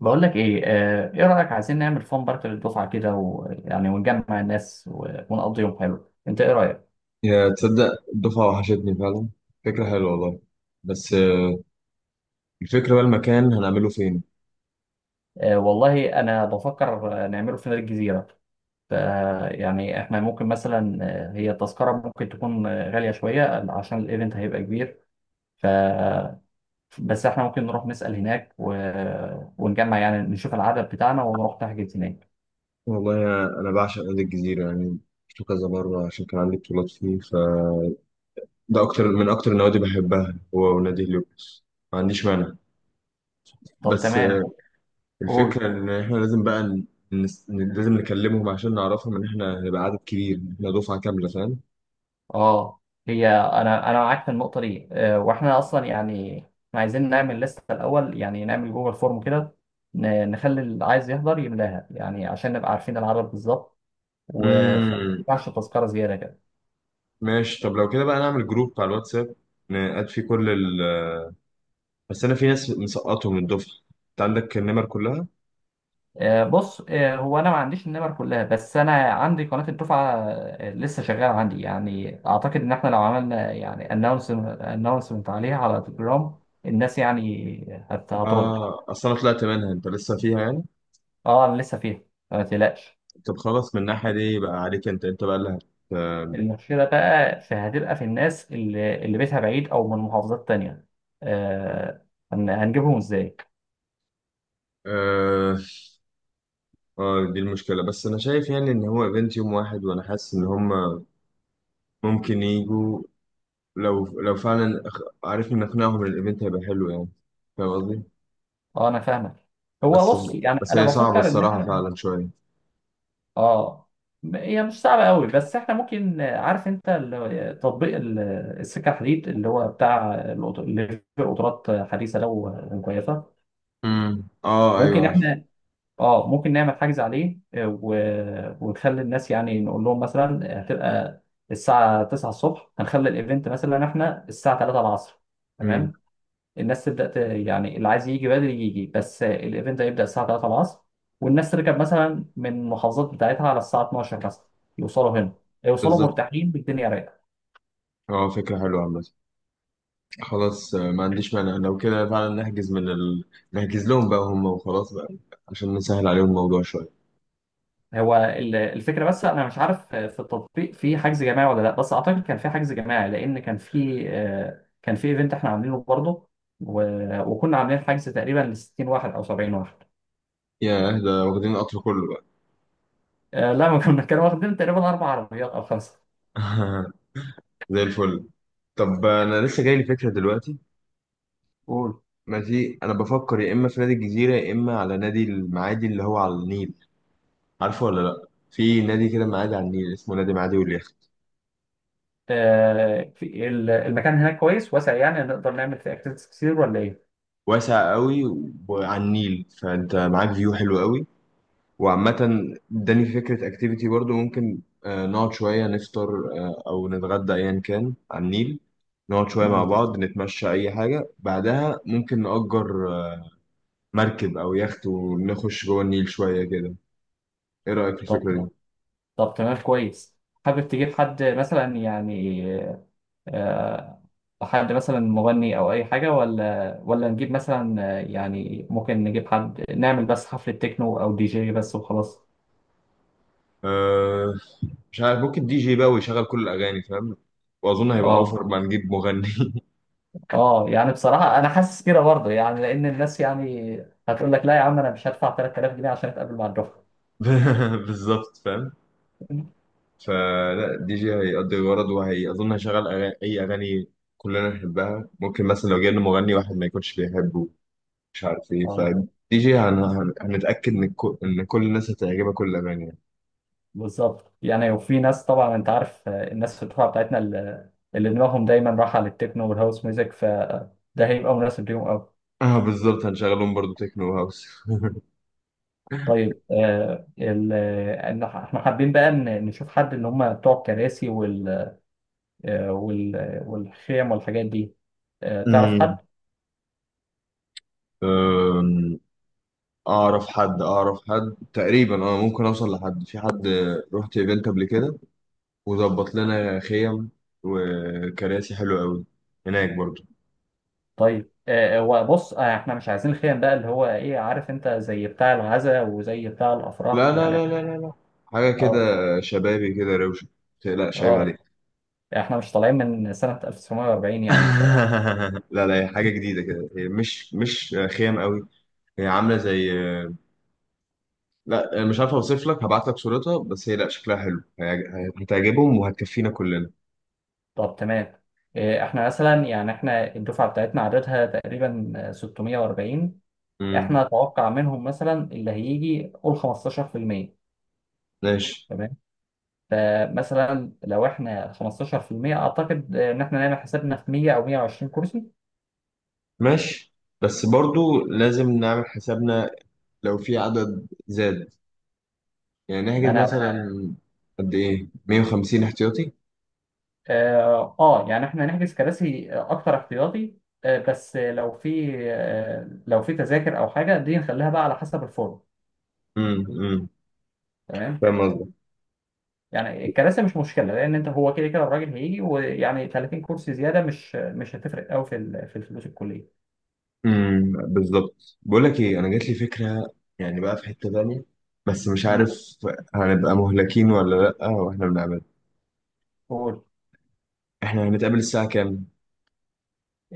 بقول لك ايه، ايه رايك؟ عايزين نعمل فان بارك للدفعه كده ويعني ونجمع الناس ونقضي يوم حلو. انت ايه رايك؟ يا تصدق الدفعة وحشتني فعلا. فكرة حلوة والله. بس الفكرة بقى المكان هنعمله فين؟ والله انا بفكر، نعمله في نادي الجزيره. ف يعني احنا ممكن مثلا، هي التذكره ممكن تكون غاليه شويه عشان الايفنت هيبقى كبير. ف بس احنا ممكن نروح نسال هناك، ونجمع يعني نشوف العدد بتاعنا ونروح نحجز هناك. والله أنا بعشق نادي الجزيرة يعني، شفته كذا مرة عشان كان عندي بطولات فيه، فده أكتر من أكتر النوادي بحبها، هو ونادي هليوبوليس. ما عنديش مانع، طب بس تمام. قول. الفكرة إن إحنا لازم بقى لازم نكلمهم عشان نعرفهم إن إحنا هنبقى عدد كبير، إحنا دفعة كاملة، فاهم. اه هي انا معاك في النقطه دي، واحنا اصلا يعني احنا عايزين نعمل لسته الاول، يعني نعمل جوجل فورم كده. نخلي اللي عايز يحضر يملاها يعني عشان نبقى عارفين العدد بالظبط، وما مم. ينفعش تذكره زياده كده. ماشي، طب لو كده بقى نعمل جروب على الواتساب نقعد فيه كل. بس انا في ناس مسقطهم من الدفعه، انت عندك النمر كلها. بص، هو انا ما عنديش النمر كلها، بس انا عندي قناه الدفعه، لسه شغاله عندي. يعني اعتقد ان احنا لو عملنا يعني اناونسمنت عليها على تليجرام الناس يعني هترد. اه، اصل انا طلعت منها، انت لسه فيها يعني. اه، انا لسه فيها، ما تقلقش. طب خلاص، من الناحيه دي بقى عليك انت، انت بقى لها. المشكلة بقى في هتبقى في الناس اللي بيتها بعيد أو من محافظات تانية. آه هنجيبهم إزاي؟ آه، آه دي المشكلة، بس أنا شايف يعني إن هو إيفنت يوم واحد وأنا حاسس إن هم ممكن يجوا، لو فعلا عرفنا نقنعهم إن الإيفنت هيبقى حلو يعني. فاهم قصدي؟ أه، أنا فاهمك. هو بس بص، يعني أنا هي صعبة بفكر إن الصراحة إحنا. فعلا شوية. أه، هي مش صعبة قوي، بس إحنا ممكن، عارف أنت، تطبيق السكة الحديد اللي هو بتاع اللي في قطارات حديثة لو كويسة. آه ممكن أيوه عارف. إحنا، اه ممكن نعمل حجز عليه، ونخلي الناس يعني نقول لهم مثلا، هتبقى الساعة 9 الصبح، هنخلي الايفنت مثلا احنا الساعة 3 العصر. امم تمام. الناس تبدأ يعني اللي عايز يجي بدري يجي، بس الايفنت هيبدأ الساعة 3 العصر. والناس تركب مثلا من المحافظات بتاعتها على الساعة 12 مثلا، يوصلوا هنا، يوصلوا بالظبط. مرتاحين بالدنيا رايقة. آه فكرة حلوة عامة. خلاص ما عنديش مانع، لو كده فعلا نحجز من نحجز لهم بقى هم وخلاص بقى، عشان نسهل عليهم الموضوع شوية. هو الفكره، بس انا مش عارف في التطبيق في حجز جماعي ولا لا. بس اعتقد كان في حجز جماعي لان كان في ايفنت احنا عاملينه برضه، وكنا عاملين حجز تقريبا ل 60 واحد او 70 واحد. ياه، ده واخدين القطر كله بقى! لا، ما كنا كانوا واخدين تقريبا اربع عربيات او خمسه. زي الفل. طب انا لسه جاي لي فكرة دلوقتي. قول. ماشي، انا بفكر يا اما في نادي الجزيرة يا اما على نادي المعادي اللي هو على النيل. عارفه ولا لا؟ في نادي كده معادي على النيل اسمه نادي معادي واليخت. في المكان هناك كويس واسع، يعني نقدر نعمل فيه اكتيفيتيز كتير ولا ايه؟ واسع قوي، وعلى النيل فانت معاك فيو حلو قوي. وعامة اداني فكرة اكتيفيتي برضو، ممكن نقعد شوية نفطر، أو نتغدى أيا كان على النيل، نقعد شوية مع مم. بعض نتمشى أي حاجة، بعدها ممكن نأجر مركب أو يخت ونخش جوه النيل شوية كده. إيه رأيك في طب الفكرة دي؟ طب تمام، كويس. حابب تجيب حد مثلا يعني، آه، حد مثلا مغني او اي حاجه، ولا نجيب مثلا، يعني ممكن نجيب حد نعمل بس حفله تكنو او دي جي بس وخلاص. أه، مش عارف، ممكن دي جي بقى ويشغل كل الأغاني، فاهم؟ وأظن هيبقى اه، أوفر ما نجيب مغني. اه، يعني بصراحه انا حاسس كده برضه، يعني لان الناس يعني هتقول لك: لا يا عم، انا مش هدفع 3000 جنيه عشان اتقابل مع الدفعه. بالظبط، فاهم؟ فلا، الدي جي هيقضي الغرض، وهي أظن هيشغل أغاني أي أغاني كلنا نحبها. ممكن مثلا لو جبنا مغني واحد ما يكونش بيحبه، مش عارف إيه، اه، فالدي جي هنتأكد إن إن كل الناس هتعجبها كل الأغاني يعني. بالظبط. يعني وفي ناس طبعا انت عارف، الناس في الدفعه بتاعتنا اللي دماغهم دايما رايحه للتكنو والهاوس ميوزك، فده هيبقى مناسب ليهم. اه بالظبط، هنشغلهم برضو تكنو هاوس. طيب، إن احنا حابين بقى نشوف حد اللي هم بتوع الكراسي والخيم والحاجات دي، تعرف أمم. حد؟ أم، أعرف حد، تقريبا أه ممكن أوصل لحد، في حد رحت إيفنت قبل كده وظبط لنا خيم وكراسي حلوة أوي هناك برضو. طيب، وبص، احنا مش عايزين خيم بقى اللي هو ايه عارف انت، زي بتاع العزاء وزي بتاع لا الافراح لا يعني. لا لا لا لا، حاجة كده اه، شبابي كده روشة، متقلقش عيب اه، عليك. احنا مش طالعين من سنة 1940 يعني. لا لا، هي حاجة جديدة كده، هي مش خيام قوي، هي عاملة زي، لا أنا مش عارف أوصف لك، هبعت لك صورتها، بس هي لا شكلها حلو، هتعجبهم وهتكفينا كلنا. طب تمام. احنا مثلا يعني احنا الدفعة بتاعتنا عددها تقريبا 640. امم. احنا اتوقع منهم مثلا اللي هيجي قول 15%. ماشي، تمام. فمثلا لو احنا 15%، اعتقد ان احنا نعمل حسابنا في 100 او 120 كرسي. ماشي بس برضو لازم نعمل حسابنا لو في عدد زاد، يعني ما نحجز انا. مثلا قد إيه 150 احتياطي. اه، يعني احنا نحجز كراسي اكتر احتياطي، بس لو في تذاكر او حاجه دي نخليها بقى على حسب الفورم. امم امم تمام. فاهم. يعني الكراسي مش مشكله، لان انت هو كده كده الراجل هيجي ويعني 30 كرسي زياده مش هتفرق قوي في في الفلوس الكليه. بالظبط. بقول لك ايه، انا جات لي فكره، يعني بقى في حته تانية، بس مش مم. عارف هنبقى مهلكين ولا لا واحنا بنعمل. قول. احنا هنتقابل الساعه كام؟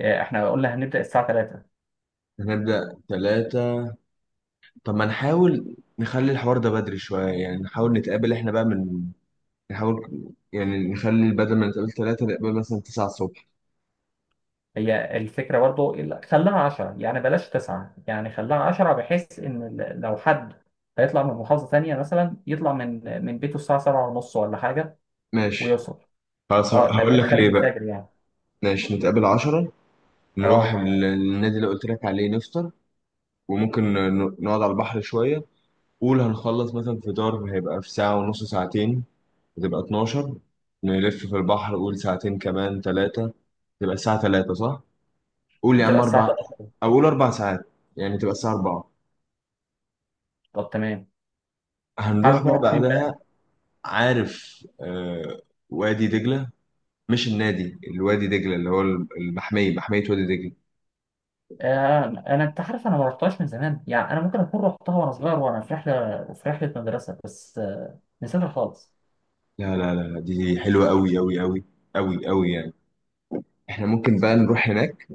احنا قلنا هنبدا الساعه 3. هنبدا ثلاثة. طب ما نحاول نخلي الحوار ده بدري شويه، يعني نحاول نتقابل احنا بقى من، نحاول يعني نخلي بدل ما نتقابل ثلاثة نتقابل مثلا 9 الصبح. هي الفكرة برضو خليها عشرة، يعني بلاش تسعة، يعني خليها عشرة بحيث إن لو حد هيطلع من محافظة تانية مثلا، يطلع من بيته الساعة سبعة ونص ولا حاجة، ماشي، ويوصل. خلاص، اه، ما هقول يبقاش لك خارج ليه بقى. الفجر يعني. ماشي نتقابل 10، نروح اه، النادي اللي قلت لك عليه نفطر، وممكن نقعد على البحر شويه. قول هنخلص مثلا فطار هيبقى في ساعة ونص ساعتين، هتبقى 12. نلف في البحر قول ساعتين كمان ثلاثة، تبقى الساعة 3 صح؟ قول يا هتبقى عم الساعة أربع، تلاتة. أو قول أربع ساعات، يعني تبقى الساعة 4. طب تمام. هنروح حابب بقى نروح فين بعدها. بقى؟ عارف آه، وادي دجلة، مش النادي الوادي دجلة، اللي هو المحمية، محمية وادي دجلة. أنا، أنت عارف، أنا ما رحتهاش من زمان، يعني أنا ممكن أكون رحتها وأنا صغير وأنا في رحلة في رحلة مدرسة، بس نسيتها خالص. لا لا لا، دي حلوة أوي أوي أوي، أوي أوي يعني. احنا ممكن بقى نروح هناك،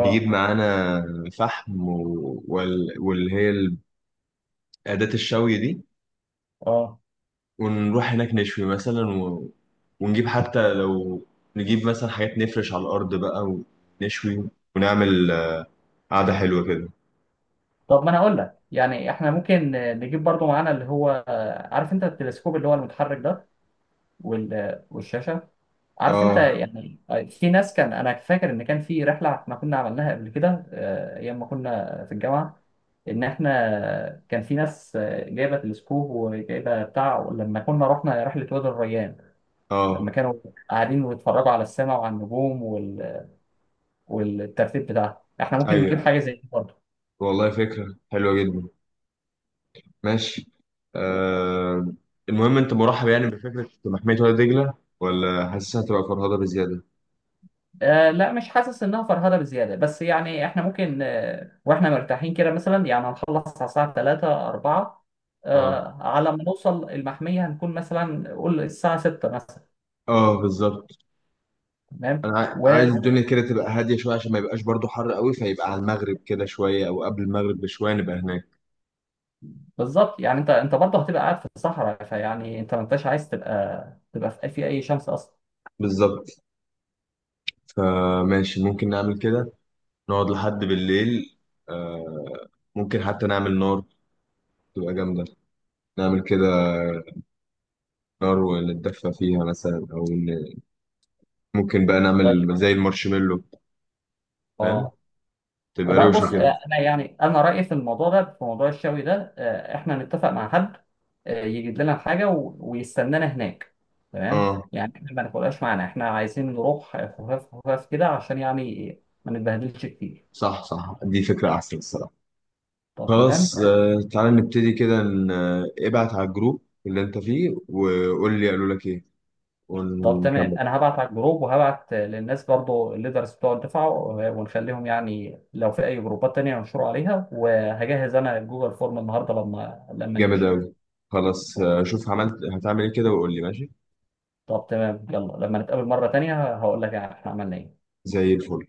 نجيب معانا فحم واللي هي أداة الشوي دي، اه، ونروح هناك نشوي مثلا ونجيب حتى لو، نجيب مثلا حاجات نفرش على الأرض بقى، ونشوي، ونعمل قعدة حلوة كده. طب ما انا هقول لك يعني احنا ممكن، نجيب برضو معانا اللي هو، عارف انت التلسكوب اللي هو المتحرك ده والشاشه. عارف انت اه يعني، في ناس، كان انا فاكر ان كان في رحله احنا كنا عملناها قبل كده، ايام ما كنا في الجامعه، ان احنا كان في ناس جايبه تلسكوب وجايبه بتاع، لما كنا رحنا رحله وادي الريان، لما اه كانوا قاعدين ويتفرجوا على السماء وعلى النجوم والترتيب بتاعها. احنا ممكن نجيب ايوه حاجه زي دي برضو. والله فكرة حلوة جدا. ماشي، آه، المهم انت مرحب يعني بفكرة محمية وادي دجلة، ولا حاسسها هتبقى فرهضة بزيادة؟ لا، مش حاسس انها فرهده بزياده، بس يعني احنا ممكن، واحنا مرتاحين كده مثلا يعني هنخلص على الساعه 3 4. اه، على ما نوصل المحميه هنكون مثلا قول الساعه 6 مثلا. اه بالظبط. تمام. انا عايز الدنيا كده تبقى هادية شوية عشان ما يبقاش برضو حر قوي، فيبقى على المغرب كده شوية او قبل المغرب بشوية نبقى هناك. وبالظبط، يعني انت برضه هتبقى قاعد في الصحراء، فيعني انت ما انتش عايز تبقى في اي شمس اصلا. بالظبط، فماشي ممكن نعمل كده، نقعد لحد بالليل. آه، ممكن حتى نعمل نار تبقى جامدة، نعمل كده نار ونتدفى فيها مثلا، ممكن بقى طيب. نعمل زي المارشميلو، فاهم، اه، تبقى لا، روشة بص، كده. انا يعني انا رايي في الموضوع ده، في موضوع الشوي ده، احنا نتفق مع حد، يجيب لنا الحاجه، ويستنانا هناك. تمام. اه يعني احنا ما ناكلهاش معانا، احنا عايزين نروح خفاف خفاف كده عشان يعني ما نتبهدلش كتير. صح صح، دي فكرة أحسن الصراحة. طب خلاص تمام. آه، تعالى نبتدي كده ابعت على الجروب اللي أنت فيه وقول لي قالوا لك إيه، ونكمل. انا هبعت على الجروب وهبعت، للناس برضو الليدرز بتوع الدفعه، ونخليهم يعني لو في اي جروبات تانية ينشروا عليها، وهجهز انا جوجل فورم النهارده لما جامد نمشي. أوي. خلاص آه، شوف عملت، هتعمل إيه كده وقول لي. ماشي طب تمام. يلا، لما نتقابل مره تانية هقول لك يعني احنا عملنا ايه. زي الفل.